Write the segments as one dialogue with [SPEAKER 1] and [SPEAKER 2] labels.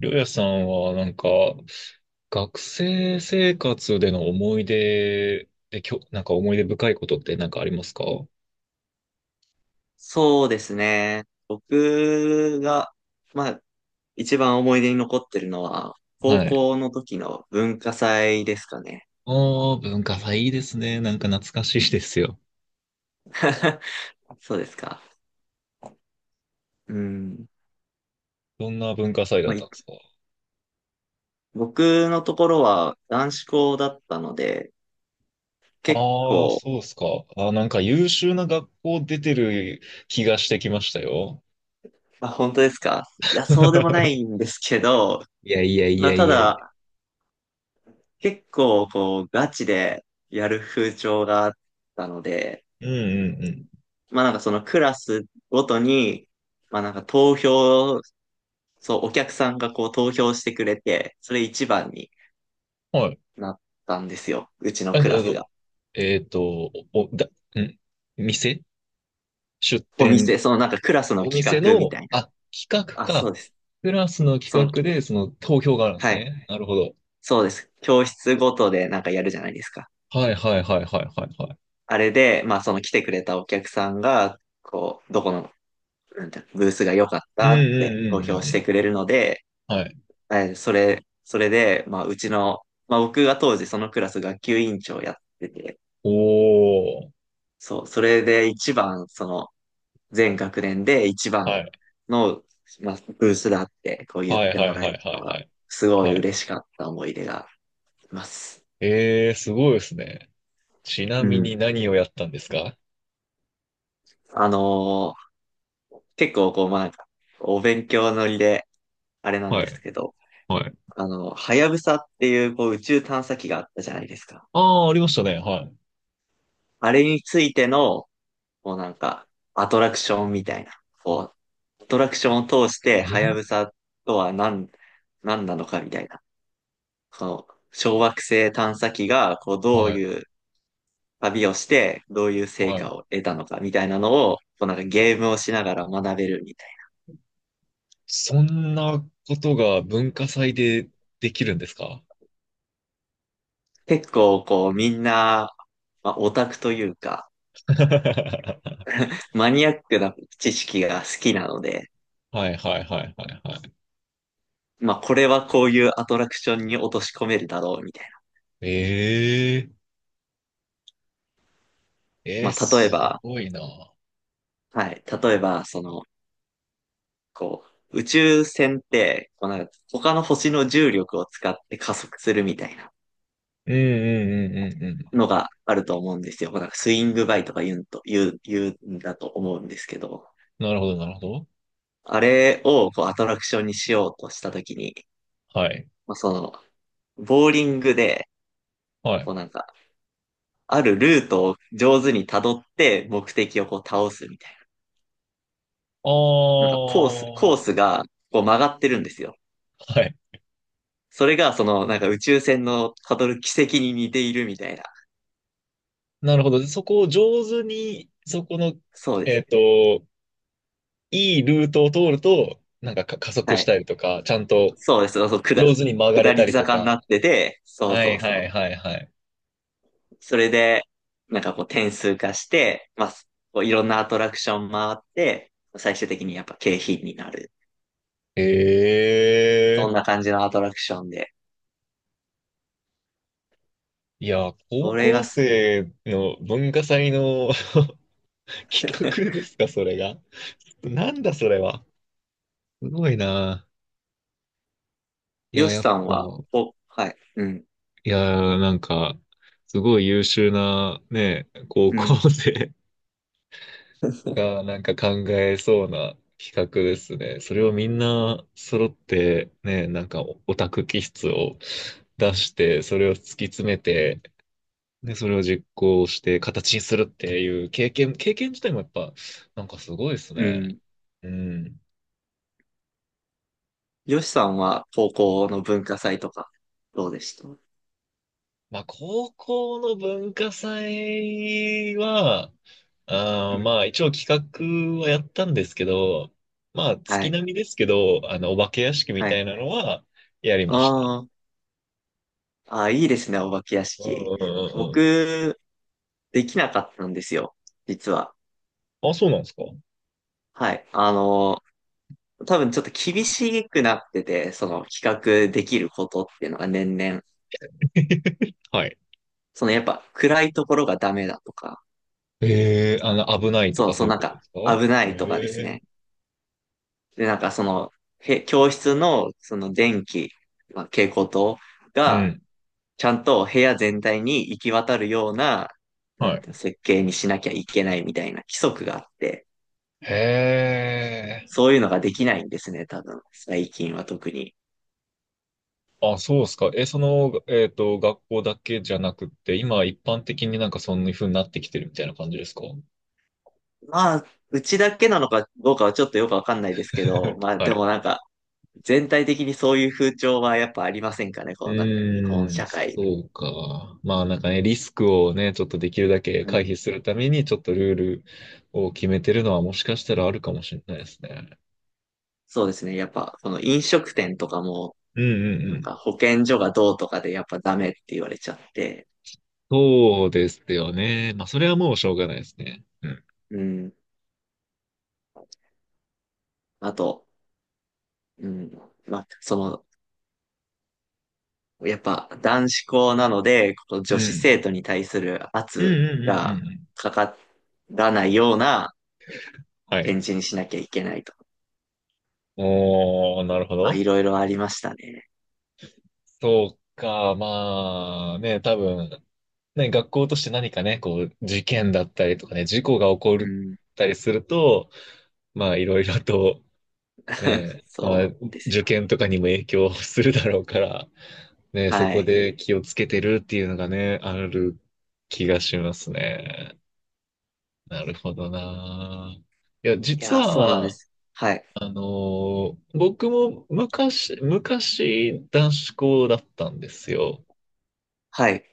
[SPEAKER 1] りょうやさんはなんか、学生生活での思い出で、なんか思い出深いことってなんかありますか？は
[SPEAKER 2] そうですね。僕が、まあ、一番思い出に残ってるのは、高
[SPEAKER 1] い。
[SPEAKER 2] 校の時の文化祭ですかね。
[SPEAKER 1] ああ文化祭いいですね。なんか懐かしいですよ。
[SPEAKER 2] そうですか。うん。
[SPEAKER 1] どんな文化祭だっ
[SPEAKER 2] まあ、
[SPEAKER 1] たんですか？
[SPEAKER 2] 僕のところは男子校だったので、結
[SPEAKER 1] ああー、
[SPEAKER 2] 構、
[SPEAKER 1] そうっすか。あー、なんか優秀な学校出てる気がしてきましたよ。
[SPEAKER 2] まあ、本当ですか？いや、そうでもな いんですけど、
[SPEAKER 1] いやいやい
[SPEAKER 2] まあ、
[SPEAKER 1] や
[SPEAKER 2] た
[SPEAKER 1] いやい
[SPEAKER 2] だ、結構、こう、ガチでやる風潮があったので、
[SPEAKER 1] や。うんうんうん。
[SPEAKER 2] まあ、なんかそのクラスごとに、まあ、なんか投票、そう、お客さんがこう投票してくれて、それ一番に
[SPEAKER 1] はい。
[SPEAKER 2] なったんですよ。うちの
[SPEAKER 1] えっ
[SPEAKER 2] クラス
[SPEAKER 1] と、
[SPEAKER 2] が。
[SPEAKER 1] お、だ、ん店出
[SPEAKER 2] お
[SPEAKER 1] 店
[SPEAKER 2] 店、そのなんかクラスの
[SPEAKER 1] お
[SPEAKER 2] 企
[SPEAKER 1] 店
[SPEAKER 2] 画みた
[SPEAKER 1] の、
[SPEAKER 2] いな。
[SPEAKER 1] 企画
[SPEAKER 2] あ、そう
[SPEAKER 1] か。
[SPEAKER 2] です。
[SPEAKER 1] クラスの
[SPEAKER 2] その、
[SPEAKER 1] 企画で、その投票があるんです
[SPEAKER 2] はい。
[SPEAKER 1] ね。なるほど。
[SPEAKER 2] そうです。教室ごとでなんかやるじゃないですか。
[SPEAKER 1] はいはいはいはいはいはい。
[SPEAKER 2] あれで、まあその来てくれたお客さんが、こう、どこの、なんてブースが良かっ
[SPEAKER 1] うんう
[SPEAKER 2] たって
[SPEAKER 1] ん
[SPEAKER 2] 投
[SPEAKER 1] う
[SPEAKER 2] 票
[SPEAKER 1] んうん
[SPEAKER 2] し
[SPEAKER 1] う
[SPEAKER 2] て
[SPEAKER 1] ん。
[SPEAKER 2] くれるので、
[SPEAKER 1] はい。
[SPEAKER 2] それで、まあうちの、まあ僕が当時そのクラス学級委員長やってて、
[SPEAKER 1] おー。
[SPEAKER 2] そう、それで一番、その、全学年で一番
[SPEAKER 1] はい。
[SPEAKER 2] の、まあ、ブースだってこう言っ
[SPEAKER 1] はい
[SPEAKER 2] て
[SPEAKER 1] は
[SPEAKER 2] も
[SPEAKER 1] い
[SPEAKER 2] らえ
[SPEAKER 1] はいは
[SPEAKER 2] た
[SPEAKER 1] い
[SPEAKER 2] の
[SPEAKER 1] は
[SPEAKER 2] が、
[SPEAKER 1] い。
[SPEAKER 2] すご
[SPEAKER 1] は
[SPEAKER 2] い
[SPEAKER 1] い。
[SPEAKER 2] 嬉しかった思い出があります。
[SPEAKER 1] えー、すごいですね。ちな
[SPEAKER 2] う
[SPEAKER 1] みに
[SPEAKER 2] ん。
[SPEAKER 1] 何をやったんですか？
[SPEAKER 2] あのー結構こう、まあ、なんかお勉強乗りで、あれなん
[SPEAKER 1] は
[SPEAKER 2] です
[SPEAKER 1] い。
[SPEAKER 2] けど、
[SPEAKER 1] はい。
[SPEAKER 2] あの、はやぶさっていうこう宇宙探査機があったじゃないですか。
[SPEAKER 1] ああ、ありましたね。は
[SPEAKER 2] あれについての、こうなんか、アトラクションみたいな、こう、アトラクションを通して、
[SPEAKER 1] い。
[SPEAKER 2] はやぶ
[SPEAKER 1] え
[SPEAKER 2] さとは何なのかみたいな、こう、小惑星探査機が、こう、どう
[SPEAKER 1] はい。
[SPEAKER 2] いう旅をして、どういう成
[SPEAKER 1] はい。
[SPEAKER 2] 果を得たのかみたいなのを、こう、なんかゲームをしながら学べるみたい
[SPEAKER 1] そんなことが文化祭でできるんですか？
[SPEAKER 2] な。結構、こう、みんな、まあ、オタクというか、
[SPEAKER 1] は
[SPEAKER 2] マニアックな知識が好きなので、
[SPEAKER 1] いはいはいはいはい。
[SPEAKER 2] まあ、これはこういうアトラクションに落とし込めるだろうみたいな。
[SPEAKER 1] えええー、
[SPEAKER 2] まあ、例え
[SPEAKER 1] す
[SPEAKER 2] ば、
[SPEAKER 1] ごいな。
[SPEAKER 2] はい、例えば、その、こう、宇宙船って、こうなんか他の星の重力を使って加速するみたいな
[SPEAKER 1] うんうんうんうんうん。
[SPEAKER 2] のがあると思うんですよ。なんかスイングバイとか言うんだと思うんですけど、
[SPEAKER 1] なるほど、なるほど。
[SPEAKER 2] あれをこうアトラクションにしようとしたときに、
[SPEAKER 1] はい。
[SPEAKER 2] まあ、その、ボーリングで、
[SPEAKER 1] は
[SPEAKER 2] こ
[SPEAKER 1] い。
[SPEAKER 2] うなんか、あるルートを上手に辿って目的をこう倒すみたい
[SPEAKER 1] あ
[SPEAKER 2] な。なんかコース、
[SPEAKER 1] あ、
[SPEAKER 2] コ
[SPEAKER 1] は
[SPEAKER 2] ースがこう曲がってるんですよ。
[SPEAKER 1] い。
[SPEAKER 2] それがそのなんか宇宙船の辿る軌跡に似ているみたいな。
[SPEAKER 1] なるほど。でそこを上手に、そこの、
[SPEAKER 2] そうで
[SPEAKER 1] えっ
[SPEAKER 2] す。
[SPEAKER 1] と、いいルートを通ると、なんか、加速
[SPEAKER 2] は
[SPEAKER 1] し
[SPEAKER 2] い。
[SPEAKER 1] たりとか、ちゃんと
[SPEAKER 2] そうです。そう、
[SPEAKER 1] 上手に曲が
[SPEAKER 2] 下
[SPEAKER 1] れ
[SPEAKER 2] り
[SPEAKER 1] たりと
[SPEAKER 2] 坂になっ
[SPEAKER 1] か。
[SPEAKER 2] てて、そう
[SPEAKER 1] は
[SPEAKER 2] そ
[SPEAKER 1] い
[SPEAKER 2] う
[SPEAKER 1] はい
[SPEAKER 2] そう。
[SPEAKER 1] はいはい。
[SPEAKER 2] それで、なんかこう点数化して、まあ、こういろんなアトラクション回って、最終的にやっぱ景品になる。
[SPEAKER 1] え
[SPEAKER 2] そ
[SPEAKER 1] え
[SPEAKER 2] んな感じのアトラクションで。
[SPEAKER 1] いや、高
[SPEAKER 2] それが
[SPEAKER 1] 校
[SPEAKER 2] す、
[SPEAKER 1] 生の文化祭の 企画で すか、それが。なんだそれは。すごいな。い
[SPEAKER 2] ヨ
[SPEAKER 1] や、
[SPEAKER 2] シ
[SPEAKER 1] やっ
[SPEAKER 2] さん
[SPEAKER 1] ぱ、
[SPEAKER 2] は、はい、うん、
[SPEAKER 1] いや、なんか、すごい優秀なね、高
[SPEAKER 2] う
[SPEAKER 1] 校
[SPEAKER 2] ん、
[SPEAKER 1] 生 がなんか考えそうな企画ですね。それをみんな揃ってね、なんかオタク気質を出して、それを突き詰めて、で、それを実行して形にするっていう経験自体もやっぱ、なんかすごいです
[SPEAKER 2] う
[SPEAKER 1] ね。
[SPEAKER 2] ん。
[SPEAKER 1] うん。
[SPEAKER 2] ヨシさんは高校の文化祭とか、どうでした？うん、
[SPEAKER 1] まあ、高校の文化祭は、まあ、一応企画はやったんですけど、まあ、
[SPEAKER 2] は
[SPEAKER 1] 月
[SPEAKER 2] い、
[SPEAKER 1] 並みですけど、お化け屋敷み
[SPEAKER 2] は
[SPEAKER 1] た
[SPEAKER 2] い。
[SPEAKER 1] いなのはやり
[SPEAKER 2] あ
[SPEAKER 1] ました。
[SPEAKER 2] ー、あー、いいですね、お化け屋
[SPEAKER 1] うん
[SPEAKER 2] 敷。
[SPEAKER 1] うんうんう
[SPEAKER 2] 僕、できなかったんですよ、実は。
[SPEAKER 1] ん。あ、そうなんですか？
[SPEAKER 2] はい。あの、多分ちょっと厳しくなってて、その企画できることっていうのが年々、
[SPEAKER 1] はい。
[SPEAKER 2] そのやっぱ暗いところがダメだとか、
[SPEAKER 1] ええ、危ないと
[SPEAKER 2] そ
[SPEAKER 1] か
[SPEAKER 2] う、
[SPEAKER 1] そ
[SPEAKER 2] そう
[SPEAKER 1] ういう
[SPEAKER 2] なん
[SPEAKER 1] こと
[SPEAKER 2] か
[SPEAKER 1] ですか？
[SPEAKER 2] 危ないとかです
[SPEAKER 1] ええ
[SPEAKER 2] ね。で、なんかその、へ教室のその電気、まあ、蛍光灯
[SPEAKER 1] う
[SPEAKER 2] が
[SPEAKER 1] ん。
[SPEAKER 2] ちゃんと部屋全体に行き渡るような、な
[SPEAKER 1] は
[SPEAKER 2] ん
[SPEAKER 1] い。
[SPEAKER 2] ていうの設計にしなきゃいけないみたいな規則があって、
[SPEAKER 1] へえ。
[SPEAKER 2] そういうのができないんですね、多分。最近は特に。
[SPEAKER 1] あ、そうですか。え、学校だけじゃなくって、今一般的になんかそんな風になってきてるみたいな感じですか？
[SPEAKER 2] まあ、うちだけなのかどうかはちょっとよくわかんないですけど、まあ
[SPEAKER 1] は
[SPEAKER 2] で
[SPEAKER 1] い。
[SPEAKER 2] もなんか、全体的にそういう風潮はやっぱありませんかね、
[SPEAKER 1] う
[SPEAKER 2] このなんか日本
[SPEAKER 1] ーん、
[SPEAKER 2] 社会。
[SPEAKER 1] そうか。まあなんかね、リスクをね、ちょっとできるだけ
[SPEAKER 2] う
[SPEAKER 1] 回
[SPEAKER 2] ん、
[SPEAKER 1] 避するために、ちょっとルールを決めてるのはもしかしたらあるかもしれないですね。
[SPEAKER 2] そうですね。やっぱこの飲食店とかも、
[SPEAKER 1] うんうん
[SPEAKER 2] な
[SPEAKER 1] う
[SPEAKER 2] んか
[SPEAKER 1] ん。
[SPEAKER 2] 保健所がどうとかでやっぱダメって言われちゃって、
[SPEAKER 1] そうですよね。まあそれはもうしょうがないですね。うん。
[SPEAKER 2] うん。あと、うん。まあ、その、やっぱ男子校なので、この
[SPEAKER 1] う
[SPEAKER 2] 女子生
[SPEAKER 1] ん。
[SPEAKER 2] 徒に対する
[SPEAKER 1] うん
[SPEAKER 2] 圧
[SPEAKER 1] うんうんう
[SPEAKER 2] が
[SPEAKER 1] ん。
[SPEAKER 2] かからないような
[SPEAKER 1] はい。
[SPEAKER 2] 展示にしなきゃいけないと。
[SPEAKER 1] おー、なるほ
[SPEAKER 2] まあ、
[SPEAKER 1] ど。
[SPEAKER 2] いろいろありましたね。
[SPEAKER 1] そうか。まあね、多分、ね、学校として何かね、こう、事件だったりとかね、事故が起こ
[SPEAKER 2] う
[SPEAKER 1] っ
[SPEAKER 2] ん。
[SPEAKER 1] たりすると、まあ、いろいろとねえ、まあ、
[SPEAKER 2] そうです
[SPEAKER 1] 受
[SPEAKER 2] よ。
[SPEAKER 1] 験とかにも影響するだろうから、ねえ、そ
[SPEAKER 2] は
[SPEAKER 1] こ
[SPEAKER 2] い。
[SPEAKER 1] で気をつけてるっていうのがね、ある気がしますね。なるほどな。いや、
[SPEAKER 2] い
[SPEAKER 1] 実
[SPEAKER 2] や、そうなんで
[SPEAKER 1] は、
[SPEAKER 2] す。はい。
[SPEAKER 1] 僕も昔、男子校だったんですよ。
[SPEAKER 2] はい。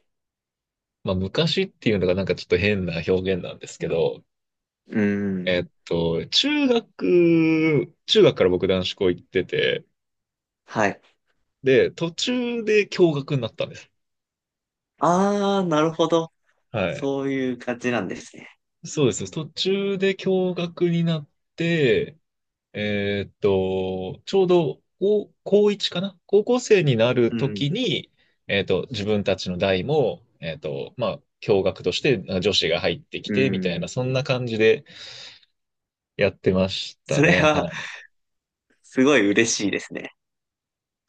[SPEAKER 1] まあ、昔っていうのがなんかちょっと変な表現なんですけど、
[SPEAKER 2] うん。
[SPEAKER 1] 中学から僕男子校行ってて、
[SPEAKER 2] はい。
[SPEAKER 1] で、途中で共学になったんです。
[SPEAKER 2] ああ、なるほど。
[SPEAKER 1] はい。
[SPEAKER 2] そういう感じなんですね。
[SPEAKER 1] そうです。途中で共学になって、ちょうど高1かな高校生になる
[SPEAKER 2] う
[SPEAKER 1] と
[SPEAKER 2] ん。
[SPEAKER 1] きに、自分たちの代も、まあ、共学として女子が入ってき
[SPEAKER 2] う
[SPEAKER 1] て、みたい
[SPEAKER 2] ん。
[SPEAKER 1] な、そんな感じでやってました
[SPEAKER 2] それ
[SPEAKER 1] ね。は
[SPEAKER 2] は、
[SPEAKER 1] い。
[SPEAKER 2] すごい嬉しいですね。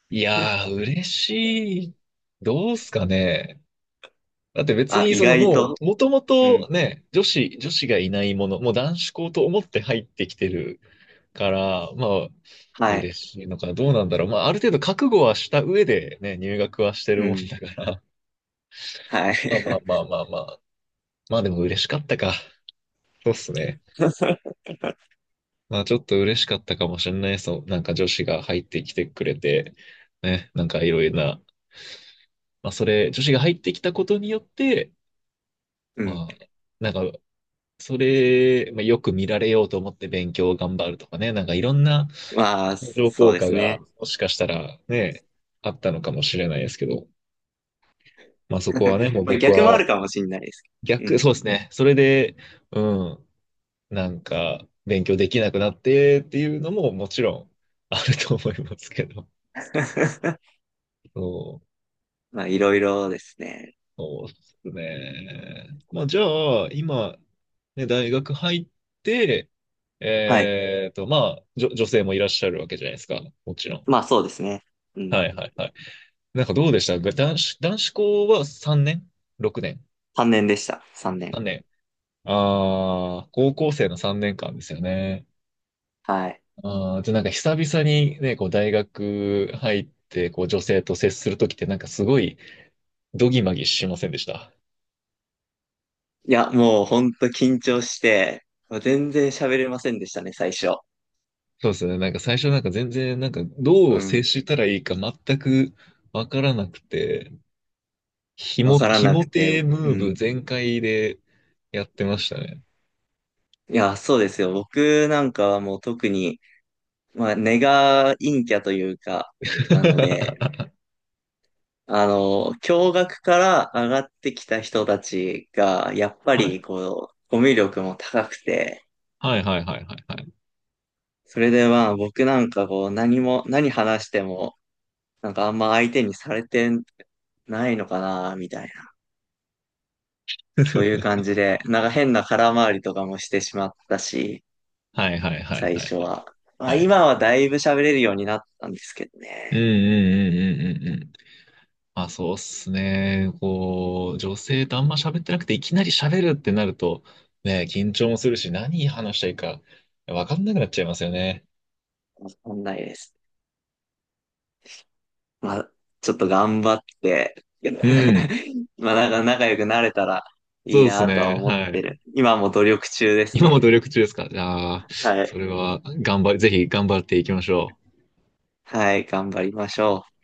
[SPEAKER 1] いやー、嬉しい。どうすかね。だって別
[SPEAKER 2] あ、
[SPEAKER 1] に
[SPEAKER 2] 意外
[SPEAKER 1] も
[SPEAKER 2] と。
[SPEAKER 1] う、もとも
[SPEAKER 2] うん。
[SPEAKER 1] とね、女子がいないもの、もう男子校と思って入ってきてるから、まあ、
[SPEAKER 2] はい。
[SPEAKER 1] 嬉しいのか、どうなんだろう。まあ、ある程度覚悟はした上でね、入学はしてる
[SPEAKER 2] う
[SPEAKER 1] もん
[SPEAKER 2] ん。
[SPEAKER 1] だから。
[SPEAKER 2] は
[SPEAKER 1] まあまあま
[SPEAKER 2] い。
[SPEAKER 1] あまあまあ。まあでも嬉しかったか。そうっすね。まあちょっと嬉しかったかもしれないですそう。なんか女子が入ってきてくれて、ね、なんかいろいろな。まあそれ、女子が入ってきたことによって、
[SPEAKER 2] うん。
[SPEAKER 1] まあ、なんか、それ、まあ、よく見られようと思って勉強を頑張るとかね、なんかいろんな
[SPEAKER 2] まあ、
[SPEAKER 1] 相乗
[SPEAKER 2] そう
[SPEAKER 1] 効
[SPEAKER 2] で
[SPEAKER 1] 果
[SPEAKER 2] す
[SPEAKER 1] が
[SPEAKER 2] ね。
[SPEAKER 1] もしかしたらね、あったのかもしれないですけど、まあそこは ね、もう
[SPEAKER 2] まあ、
[SPEAKER 1] 僕
[SPEAKER 2] 逆もあ
[SPEAKER 1] は
[SPEAKER 2] るかもしれないです。う
[SPEAKER 1] 逆、
[SPEAKER 2] ん。
[SPEAKER 1] そうですね。それで、うん、なんか勉強できなくなってっていうのももちろんあると思いますけど。そう、
[SPEAKER 2] まあ、いろいろですね。
[SPEAKER 1] そうですね。まあじゃあ、今、ね、大学入って、
[SPEAKER 2] はい。
[SPEAKER 1] まあ、女性もいらっしゃるわけじゃないですか。もちろん。
[SPEAKER 2] まあ、そうですね。うん。
[SPEAKER 1] はいはいはい。なんかどうでした？男子校は3年？ 6 年？
[SPEAKER 2] 3年でした。3年。
[SPEAKER 1] 3 年。ああ、高校生の3年間ですよね。
[SPEAKER 2] はい。
[SPEAKER 1] ああ、じゃあなんか久々にね、こう大学入って、こう女性と接するときってなんかすごいドギマギしませんでした？
[SPEAKER 2] いや、もうほんと緊張して、全然喋れませんでしたね、最初。
[SPEAKER 1] そうですね。なんか最初なんか全然なんかど
[SPEAKER 2] う
[SPEAKER 1] う接
[SPEAKER 2] ん。
[SPEAKER 1] したらいいか全くわからなくて、
[SPEAKER 2] わから
[SPEAKER 1] ひ
[SPEAKER 2] な
[SPEAKER 1] も
[SPEAKER 2] くて。
[SPEAKER 1] てムー
[SPEAKER 2] う
[SPEAKER 1] ブ
[SPEAKER 2] ん。
[SPEAKER 1] 全開でやってましたね。
[SPEAKER 2] いや、そうですよ。僕なんかはもう特に、まあ、根が陰キャというか、なので、あの、共学から上がってきた人たちが、やっぱ
[SPEAKER 1] はい。
[SPEAKER 2] りこう、コミュ力も高くて、
[SPEAKER 1] はいはいはいはいはい。
[SPEAKER 2] それでまあ僕なんかこう、何話しても、なんかあんま相手にされてないのかな、みたいな。そういう感じで、なんか変な空回りとかもしてしまったし、
[SPEAKER 1] はいはいはい
[SPEAKER 2] 最
[SPEAKER 1] はい
[SPEAKER 2] 初は。まあ
[SPEAKER 1] はい。
[SPEAKER 2] 今はだいぶ喋れるようになったんですけど
[SPEAKER 1] うんう
[SPEAKER 2] ね。
[SPEAKER 1] んうんうんうんうん。あ、そうっすね。こう、女性とあんま喋ってなくて、いきなり喋るってなると、ね、緊張もするし、何話したいか、わかんなくなっちゃいますよね。
[SPEAKER 2] わかんないです。まあ、ちょっと頑張って、
[SPEAKER 1] うん。
[SPEAKER 2] まあなんか仲良くなれたら
[SPEAKER 1] そ
[SPEAKER 2] い
[SPEAKER 1] う
[SPEAKER 2] い
[SPEAKER 1] です
[SPEAKER 2] なとは
[SPEAKER 1] ね。
[SPEAKER 2] 思っ
[SPEAKER 1] は
[SPEAKER 2] て
[SPEAKER 1] い。
[SPEAKER 2] る。今も努力中です
[SPEAKER 1] 今も
[SPEAKER 2] ね。
[SPEAKER 1] 努力中ですか？じゃあ、
[SPEAKER 2] はい。
[SPEAKER 1] それは、頑張り、ぜひ頑張っていきましょう。
[SPEAKER 2] はい、頑張りましょう。